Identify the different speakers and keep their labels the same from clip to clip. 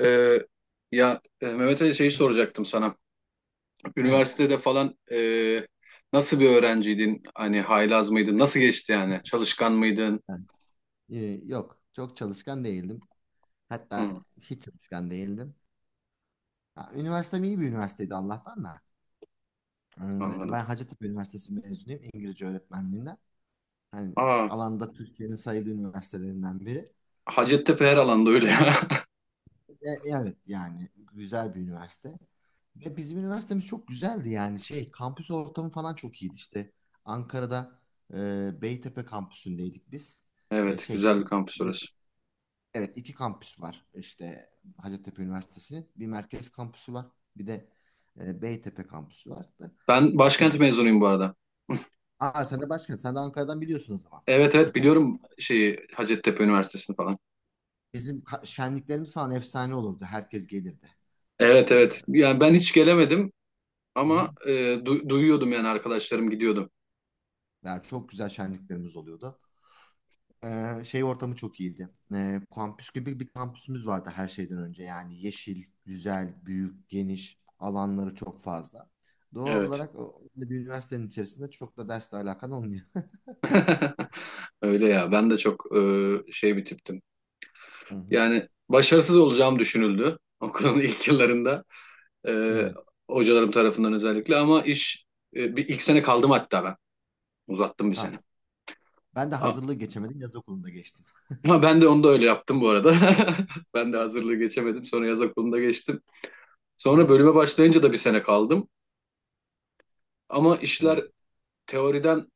Speaker 1: Ee, Mehmet Ali şeyi soracaktım sana.
Speaker 2: Evet.
Speaker 1: Üniversitede falan nasıl bir öğrenciydin? Hani haylaz mıydın? Nasıl geçti yani? Çalışkan mıydın?
Speaker 2: Yani. Ee, Yok, çok çalışkan değildim. Hatta
Speaker 1: Hı,
Speaker 2: hiç çalışkan değildim. Ha, üniversitem iyi bir üniversiteydi Allah'tan da.
Speaker 1: anladım.
Speaker 2: Ben Hacettepe Üniversitesi mezunuyum, İngilizce öğretmenliğinden. Hani
Speaker 1: Aa,
Speaker 2: alanda Türkiye'nin sayılı üniversitelerinden biri.
Speaker 1: Hacettepe her alanda öyle ya.
Speaker 2: E, evet, yani güzel bir üniversite. Ve bizim üniversitemiz çok güzeldi, yani şey kampüs ortamı falan çok iyiydi işte. Ankara'da Beytepe kampüsündeydik biz.
Speaker 1: Evet,
Speaker 2: Şey,
Speaker 1: güzel bir kampüs orası.
Speaker 2: evet, iki kampüs var. İşte Hacettepe Üniversitesi'nin bir merkez kampüsü var. Bir de Beytepe kampüsü var. Da,
Speaker 1: Ben
Speaker 2: şey,
Speaker 1: başkent mezunuyum bu arada.
Speaker 2: aa, sen de başkan. Sen de Ankara'dan biliyorsun o zaman.
Speaker 1: Evet, evet,
Speaker 2: Süper.
Speaker 1: biliyorum şeyi Hacettepe Üniversitesi'ni falan.
Speaker 2: Bizim şenliklerimiz falan efsane olurdu. Herkes gelirdi.
Speaker 1: Evet, evet.
Speaker 2: Hı
Speaker 1: Yani ben hiç gelemedim
Speaker 2: hı.
Speaker 1: ama duyuyordum yani arkadaşlarım gidiyordum.
Speaker 2: Yani çok güzel şenliklerimiz oluyordu. Şey ortamı çok iyiydi. Kampüs gibi bir kampüsümüz vardı her şeyden önce. Yani yeşil, güzel, büyük, geniş alanları çok fazla. Doğal
Speaker 1: Evet.
Speaker 2: olarak bir üniversitenin içerisinde çok da dersle alakan olmuyor.
Speaker 1: Öyle ya. Ben de çok şey bir tiptim.
Speaker 2: Hı hı.
Speaker 1: Yani başarısız olacağım düşünüldü okulun ilk yıllarında e,
Speaker 2: Evet.
Speaker 1: hocalarım tarafından özellikle ama iş e, bir ilk sene kaldım hatta ben uzattım bir
Speaker 2: Ha,
Speaker 1: sene.
Speaker 2: ben de
Speaker 1: A-
Speaker 2: hazırlığı geçemedim. Yaz okulunda geçtim.
Speaker 1: Ama ben de onu da öyle yaptım bu arada. Ben de hazırlığı geçemedim sonra yaz okulunda geçtim.
Speaker 2: Hı
Speaker 1: Sonra
Speaker 2: hı.
Speaker 1: bölüme başlayınca da bir sene kaldım ama
Speaker 2: Evet.
Speaker 1: işler teoriden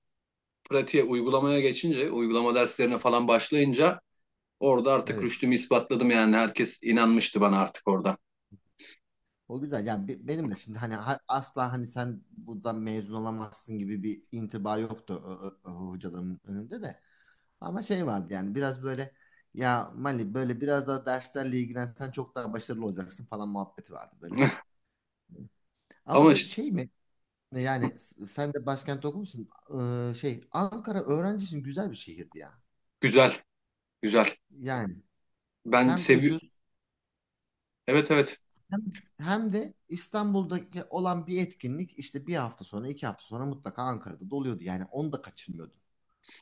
Speaker 1: pratiğe uygulamaya geçince uygulama derslerine falan başlayınca orada artık
Speaker 2: Evet.
Speaker 1: rüştümü ispatladım yani herkes inanmıştı bana artık orada.
Speaker 2: O güzel. Yani benim de şimdi, hani asla hani sen buradan mezun olamazsın gibi bir intiba yoktu, hocaların önünde de. Ama şey vardı, yani biraz böyle, ya Mali böyle biraz daha derslerle ilgilensen çok daha başarılı olacaksın falan muhabbeti vardı böyle. Ama
Speaker 1: Ama
Speaker 2: bir
Speaker 1: işte
Speaker 2: şey mi, yani sen de başkent okumuşsun. Şey, Ankara öğrenci için güzel bir şehirdi ya.
Speaker 1: güzel, güzel.
Speaker 2: Yani
Speaker 1: Ben
Speaker 2: hem
Speaker 1: sevi
Speaker 2: ucuz,
Speaker 1: Evet, evet.
Speaker 2: hem, hem de İstanbul'daki olan bir etkinlik işte bir hafta sonra, iki hafta sonra mutlaka Ankara'da doluyordu. Yani onu da kaçırmıyordun.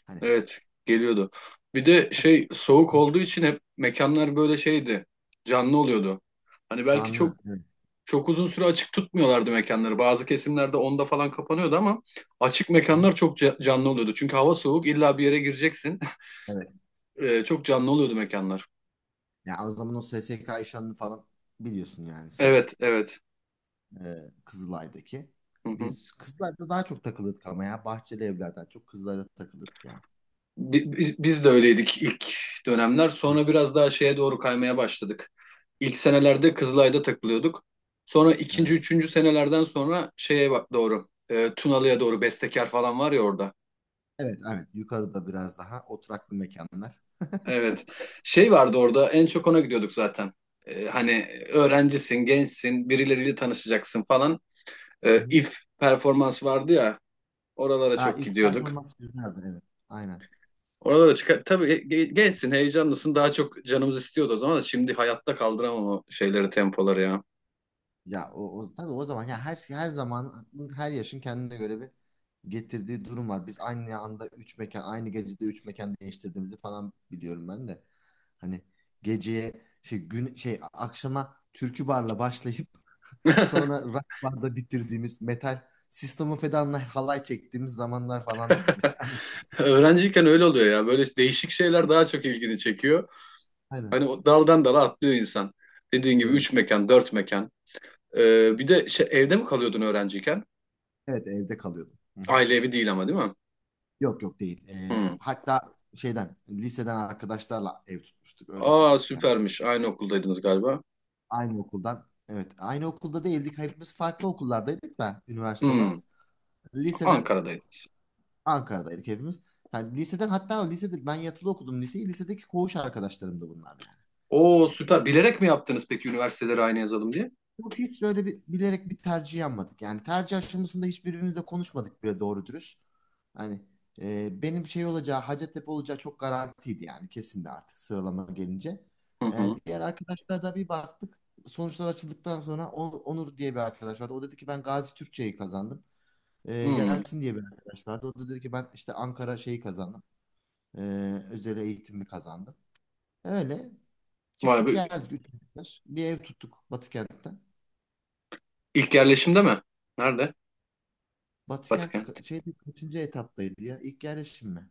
Speaker 2: Hani
Speaker 1: Evet, geliyordu. Bir de şey soğuk olduğu için hep mekanlar böyle şeydi. Canlı oluyordu. Hani belki
Speaker 2: canlı.
Speaker 1: çok
Speaker 2: Evet.
Speaker 1: çok uzun süre açık tutmuyorlardı mekanları. Bazı kesimlerde onda falan kapanıyordu ama açık
Speaker 2: Hı hı.
Speaker 1: mekanlar çok canlı oluyordu. Çünkü hava soğuk illa bir yere gireceksin.
Speaker 2: Evet.
Speaker 1: Çok canlı oluyordu mekanlar.
Speaker 2: Yani o zaman o SSK işlerini falan biliyorsun yani şeyde.
Speaker 1: Evet, evet.
Speaker 2: Kızılay'daki.
Speaker 1: Hı hı.
Speaker 2: Biz Kızılay'da daha çok takılırdık ama ya. Bahçeli evlerden çok Kızılay'da takılırdık yani.
Speaker 1: Biz de öyleydik ilk dönemler.
Speaker 2: Hı,
Speaker 1: Sonra biraz daha şeye doğru kaymaya başladık. İlk senelerde Kızılay'da takılıyorduk. Sonra ikinci,
Speaker 2: evet.
Speaker 1: üçüncü senelerden sonra şeye bak doğru. Tunalı'ya doğru Bestekar falan var ya orada.
Speaker 2: Evet, evet. Yukarıda biraz daha oturaklı mekanlar.
Speaker 1: Evet. Şey vardı orada en çok ona gidiyorduk zaten. E, hani öğrencisin, gençsin, birileriyle tanışacaksın falan. E,
Speaker 2: Hı.
Speaker 1: if performans vardı ya oralara
Speaker 2: Ha,
Speaker 1: çok
Speaker 2: ilk
Speaker 1: gidiyorduk.
Speaker 2: performans güzeldi, evet. Aynen.
Speaker 1: Oralara çıkar. Tabii gençsin, heyecanlısın. Daha çok canımız istiyordu o zaman da şimdi hayatta kaldıramam o şeyleri, tempoları ya.
Speaker 2: Ya o, o tabii o zaman ya, her şey, her zaman her yaşın kendine göre bir getirdiği durum var. Biz aynı anda üç mekan, aynı gecede üç mekan değiştirdiğimizi falan biliyorum ben de. Hani geceye şey gün şey akşama türkü barla başlayıp sonra rock barda bitirdiğimiz metal System of a Down'la halay çektiğimiz zamanlar falandı böyle. Ama
Speaker 1: Öğrenciyken öyle oluyor ya. Böyle değişik şeyler daha çok ilgini çekiyor.
Speaker 2: aynen.
Speaker 1: Hani o daldan dala atlıyor insan. Dediğin gibi
Speaker 2: Evet.
Speaker 1: üç mekan, dört mekan. Bir de şey, evde mi kalıyordun öğrenciyken?
Speaker 2: Evet, evde kalıyordum. Hı hı.
Speaker 1: Aile evi değil ama değil mi?
Speaker 2: Yok, yok değil.
Speaker 1: Hmm.
Speaker 2: Hatta şeyden, liseden arkadaşlarla ev tutmuştuk. Öyle
Speaker 1: Aa
Speaker 2: kalıyorduk yani.
Speaker 1: süpermiş. Aynı okuldaydınız galiba.
Speaker 2: Aynı okuldan. Evet. Aynı okulda değildik. Hepimiz farklı okullardaydık da, üniversite olarak.
Speaker 1: Hmm.
Speaker 2: Liseden
Speaker 1: Ankara'daydınız.
Speaker 2: Ankara'daydık hepimiz. Yani liseden, hatta lisede ben yatılı okudum liseyi. Lisedeki koğuş arkadaşlarım da bunlar yani.
Speaker 1: Oo süper. Bilerek mi yaptınız peki üniversiteleri aynı yazalım diye?
Speaker 2: Yok hiç böyle bir, bilerek bir tercih yapmadık. Yani tercih aşamasında hiçbirimizle konuşmadık bile doğru dürüst. Hani benim şey olacağı, Hacettepe olacağı çok garantiydi, yani kesindi artık sıralama gelince.
Speaker 1: Hı hı.
Speaker 2: Diğer arkadaşlara da bir baktık. Sonuçlar açıldıktan sonra Onur diye bir arkadaş vardı. O dedi ki ben Gazi Türkçe'yi kazandım.
Speaker 1: Hmm.
Speaker 2: Yasin diye bir arkadaş vardı. O da dedi ki ben işte Ankara şeyi kazandım. E, Özel eğitimi kazandım. Öyle
Speaker 1: Vay
Speaker 2: çıktık
Speaker 1: be.
Speaker 2: geldik. Üçüncü sınıf. Bir ev tuttuk Batıkent'te.
Speaker 1: İlk yerleşimde mi? Nerede?
Speaker 2: Batıkent
Speaker 1: Batıkent.
Speaker 2: şeyde kaçıncı etaptaydı ya? İlk yerleşim mi?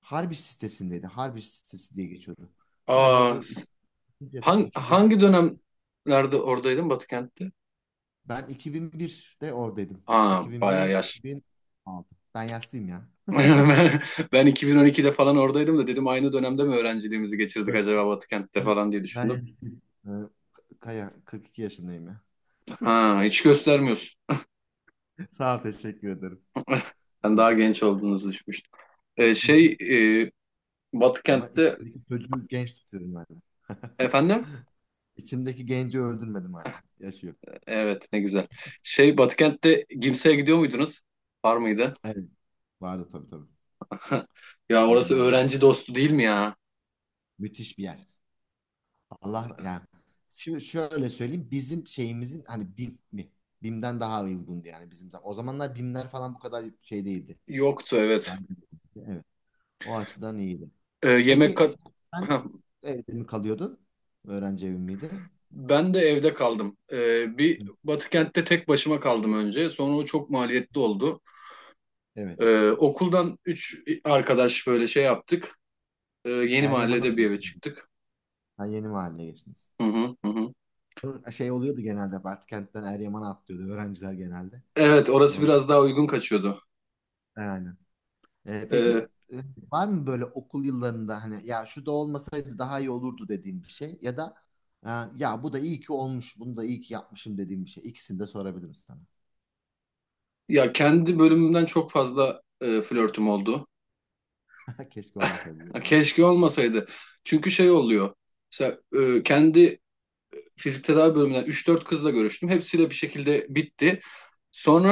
Speaker 2: Harbiç sitesindeydi. Harbiç sitesi diye geçiyordu. Galiba
Speaker 1: Aa,
Speaker 2: bu
Speaker 1: s-
Speaker 2: ikinci etap mı, üçüncü etap mı?
Speaker 1: hangi dönemlerde oradaydın Batıkent'te?
Speaker 2: Ben 2001'de oradaydım.
Speaker 1: Aa, bayağı
Speaker 2: 2001,
Speaker 1: yaş.
Speaker 2: 2006. Ben yaşlıyım ya.
Speaker 1: Ben, ben 2012'de falan oradaydım da dedim aynı dönemde mi öğrenciliğimizi geçirdik
Speaker 2: Yok,
Speaker 1: acaba Batıkent'te falan diye
Speaker 2: ben
Speaker 1: düşündüm.
Speaker 2: yaşlıyım. Kaya, 42 yaşındayım ya.
Speaker 1: Ha, hiç göstermiyorsun.
Speaker 2: Sağ ol, teşekkür ederim.
Speaker 1: Ben
Speaker 2: Hı
Speaker 1: daha genç olduğunuzu düşünmüştüm. Ee,
Speaker 2: hı.
Speaker 1: şey e,
Speaker 2: Ama
Speaker 1: Batıkent'te
Speaker 2: içimdeki çocuğu genç tutuyorum hala.
Speaker 1: efendim?
Speaker 2: İçimdeki genci öldürmedim hala. Yaşıyor.
Speaker 1: Evet, ne güzel. Şey Batıkent'te Gimse'ye gidiyor muydunuz? Var mıydı?
Speaker 2: Evet. Vardı, tabii tabii.
Speaker 1: Ya orası
Speaker 2: Onlar var.
Speaker 1: öğrenci dostu değil mi ya?
Speaker 2: Müthiş bir yer. Allah, yani şimdi şöyle söyleyeyim, bizim şeyimizin hani BİM mi? BİM'den daha uygundu yani bizim zaman. O zamanlar BİM'ler falan bu kadar şey değildi.
Speaker 1: Yoktu evet.
Speaker 2: Yani, evet. O açıdan iyiydi.
Speaker 1: Yemek
Speaker 2: Peki
Speaker 1: kat...
Speaker 2: sen evde mi kalıyordun? Öğrenci evi miydi?
Speaker 1: Ben de evde kaldım. Bir
Speaker 2: Hı,
Speaker 1: Batıkent'te tek başıma kaldım önce. Sonra o çok maliyetli oldu.
Speaker 2: evet.
Speaker 1: Okuldan üç arkadaş böyle şey yaptık. Yeni
Speaker 2: Eryaman'a mı?
Speaker 1: mahallede bir eve çıktık.
Speaker 2: Ha, yeni mahalle geçtiniz.
Speaker 1: Hı hı, hı hı.
Speaker 2: Şey oluyordu, genelde Batkent'ten Eryaman'a atlıyordu öğrenciler genelde.
Speaker 1: Evet, orası
Speaker 2: Onun,
Speaker 1: biraz daha uygun kaçıyordu.
Speaker 2: yani. Peki,
Speaker 1: Ee,
Speaker 2: e, var mı böyle okul yıllarında, hani ya şu da olmasaydı daha iyi olurdu dediğim bir şey, ya da e, ya bu da iyi ki olmuş, bunu da iyi ki yapmışım dediğim bir şey. İkisini de sorabilirim sana.
Speaker 1: Kendi bölümümden çok fazla flörtüm oldu.
Speaker 2: Keşke olmasaydı diyorum.
Speaker 1: Keşke olmasaydı. Çünkü şey oluyor. Mesela kendi fizik tedavi bölümünden üç dört kızla görüştüm. Hepsiyle bir şekilde bitti.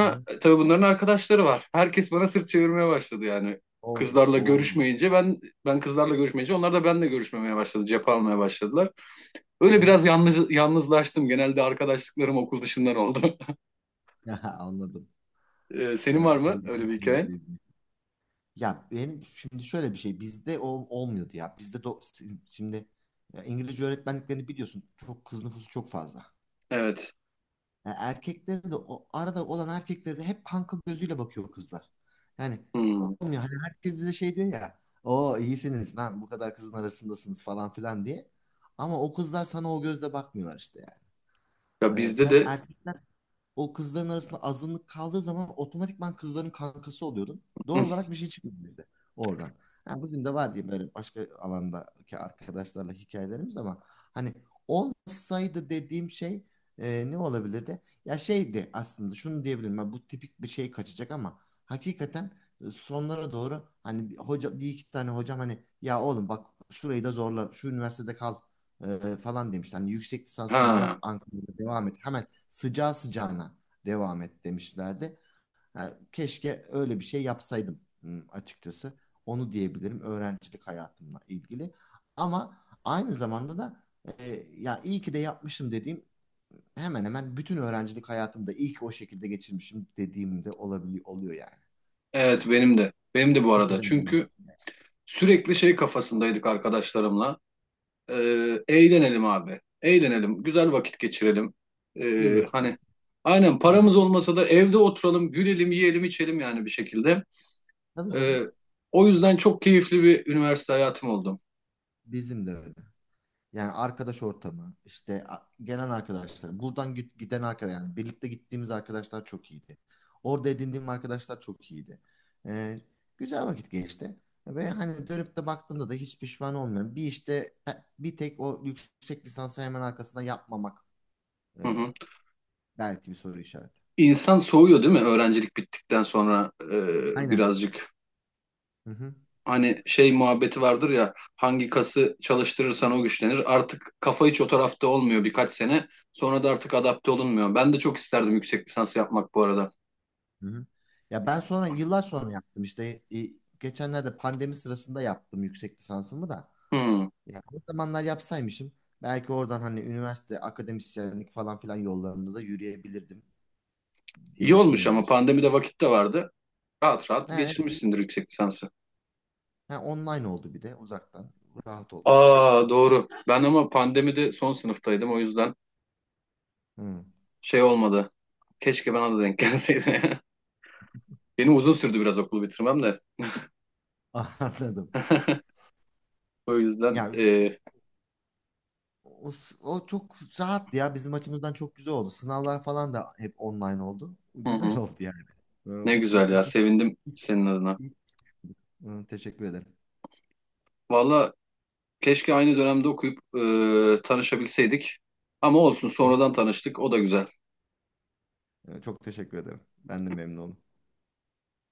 Speaker 2: Hı hı.
Speaker 1: tabii bunların arkadaşları var. Herkes bana sırt çevirmeye başladı yani.
Speaker 2: Oo.
Speaker 1: Kızlarla
Speaker 2: Olmuş.
Speaker 1: görüşmeyince ben ben kızlarla görüşmeyince onlar da benimle görüşmemeye başladı. Cephe almaya başladılar.
Speaker 2: Hı
Speaker 1: Öyle
Speaker 2: hı.
Speaker 1: biraz yalnızlaştım. Genelde arkadaşlıklarım okul dışından oldu.
Speaker 2: Anladım.
Speaker 1: E, senin var
Speaker 2: Evet.
Speaker 1: mı öyle bir hikayen?
Speaker 2: Ya benim şimdi şöyle bir şey, bizde o olmuyordu ya. Bizde şimdi, ya İngilizce öğretmenliklerini biliyorsun. Çok kız nüfusu çok fazla.
Speaker 1: Evet.
Speaker 2: Yani erkekleri de o arada olan erkekleri de hep kanka gözüyle bakıyor kızlar. Yani
Speaker 1: Hmm.
Speaker 2: olmuyor. Hani herkes bize şey diyor ya. O iyisiniz lan, bu kadar kızın arasındasınız falan filan diye. Ama o kızlar sana o gözle bakmıyorlar işte yani.
Speaker 1: Ya bizde
Speaker 2: Sen
Speaker 1: de
Speaker 2: erkek, o kızların arasında azınlık kaldığı zaman otomatikman kızların kankası oluyordum. Doğal olarak bir şey çıkıyordu bize oradan. Ha, bizim de var diye böyle başka alandaki arkadaşlarla hikayelerimiz ama, hani olmasaydı dediğim şey ne olabilirdi? Ya şeydi, aslında şunu diyebilirim ben, bu tipik bir şey kaçacak ama hakikaten sonlara doğru hani bir hoca, bir iki tane hocam hani ya oğlum bak şurayı da zorla şu üniversitede kal falan demiş. Hani yüksek lisansını yap
Speaker 1: ha
Speaker 2: Ankara'da devam et. Hemen sıcağı sıcağına devam et demişlerdi. Ha, keşke öyle bir şey yapsaydım, açıkçası. Onu diyebilirim öğrencilik hayatımla ilgili. Ama aynı zamanda da ya iyi ki de yapmışım dediğim, hemen hemen bütün öğrencilik hayatımda iyi ki o şekilde geçirmişim dediğimde olabiliyor oluyor yani. E,
Speaker 1: evet benim de. Benim de bu
Speaker 2: Çok
Speaker 1: arada.
Speaker 2: güzel. Öğrenci.
Speaker 1: Çünkü sürekli şey kafasındaydık arkadaşlarımla. Eğlenelim abi. Eğlenelim. Güzel vakit geçirelim.
Speaker 2: İyi vakit
Speaker 1: Hani
Speaker 2: geçirdim.
Speaker 1: aynen
Speaker 2: Aynen.
Speaker 1: paramız olmasa da evde oturalım, gülelim, yiyelim, içelim yani bir şekilde.
Speaker 2: Tabii canım.
Speaker 1: Ee, O yüzden çok keyifli bir üniversite hayatım oldu.
Speaker 2: Bizim de öyle. Yani arkadaş ortamı, işte gelen arkadaşlar, buradan giden arkadaş, yani birlikte gittiğimiz arkadaşlar çok iyiydi. Orada edindiğim arkadaşlar çok iyiydi. Ee, Güzel vakit geçti. Ve hani dönüp de baktığımda da hiç pişman olmuyorum. Bir işte, e, bir tek o yüksek lisansı hemen arkasına yapmamak
Speaker 1: Hı
Speaker 2: e,
Speaker 1: hı.
Speaker 2: belki bir soru işareti.
Speaker 1: İnsan soğuyor değil mi? Öğrencilik bittikten sonra
Speaker 2: Aynen.
Speaker 1: birazcık.
Speaker 2: Hı hı.
Speaker 1: Hani şey muhabbeti vardır ya hangi kası çalıştırırsan o güçlenir. Artık kafa hiç o tarafta olmuyor birkaç sene. Sonra da artık adapte olunmuyor. Ben de çok isterdim yüksek lisans yapmak bu arada.
Speaker 2: Hı hı. Ya ben sonra yıllar sonra yaptım işte, geçenlerde pandemi sırasında yaptım yüksek lisansımı da.
Speaker 1: Hı.
Speaker 2: Yani o zamanlar yapsaymışım belki oradan hani üniversite, akademisyenlik falan filan yollarında da yürüyebilirdim diye
Speaker 1: İyi olmuş
Speaker 2: düşünüyorum
Speaker 1: ama
Speaker 2: açıkçası.
Speaker 1: pandemide vakit de vardı. Rahat rahat
Speaker 2: Ha, evet.
Speaker 1: geçirmişsindir yüksek lisansı.
Speaker 2: Ha, online oldu bir de uzaktan. Rahat oldu.
Speaker 1: Aa doğru. Ben ama pandemide son sınıftaydım o yüzden
Speaker 2: Hı.
Speaker 1: şey olmadı. Keşke bana da denk gelseydi. Benim uzun sürdü biraz okulu bitirmem de.
Speaker 2: Anladım.
Speaker 1: O yüzden
Speaker 2: Ya
Speaker 1: e,
Speaker 2: o, o çok rahat ya, bizim açımızdan çok güzel oldu. Sınavlar falan da hep online oldu.
Speaker 1: hı
Speaker 2: Güzel
Speaker 1: hı.
Speaker 2: oldu yani. Ee,
Speaker 1: Ne güzel
Speaker 2: bir-
Speaker 1: ya
Speaker 2: hiç-
Speaker 1: sevindim senin adına.
Speaker 2: hiç- hiç- Hı, teşekkür ederim.
Speaker 1: Valla keşke aynı dönemde okuyup tanışabilseydik. Ama olsun sonradan tanıştık o da güzel.
Speaker 2: Hı, çok teşekkür ederim. Ben de memnun oldum.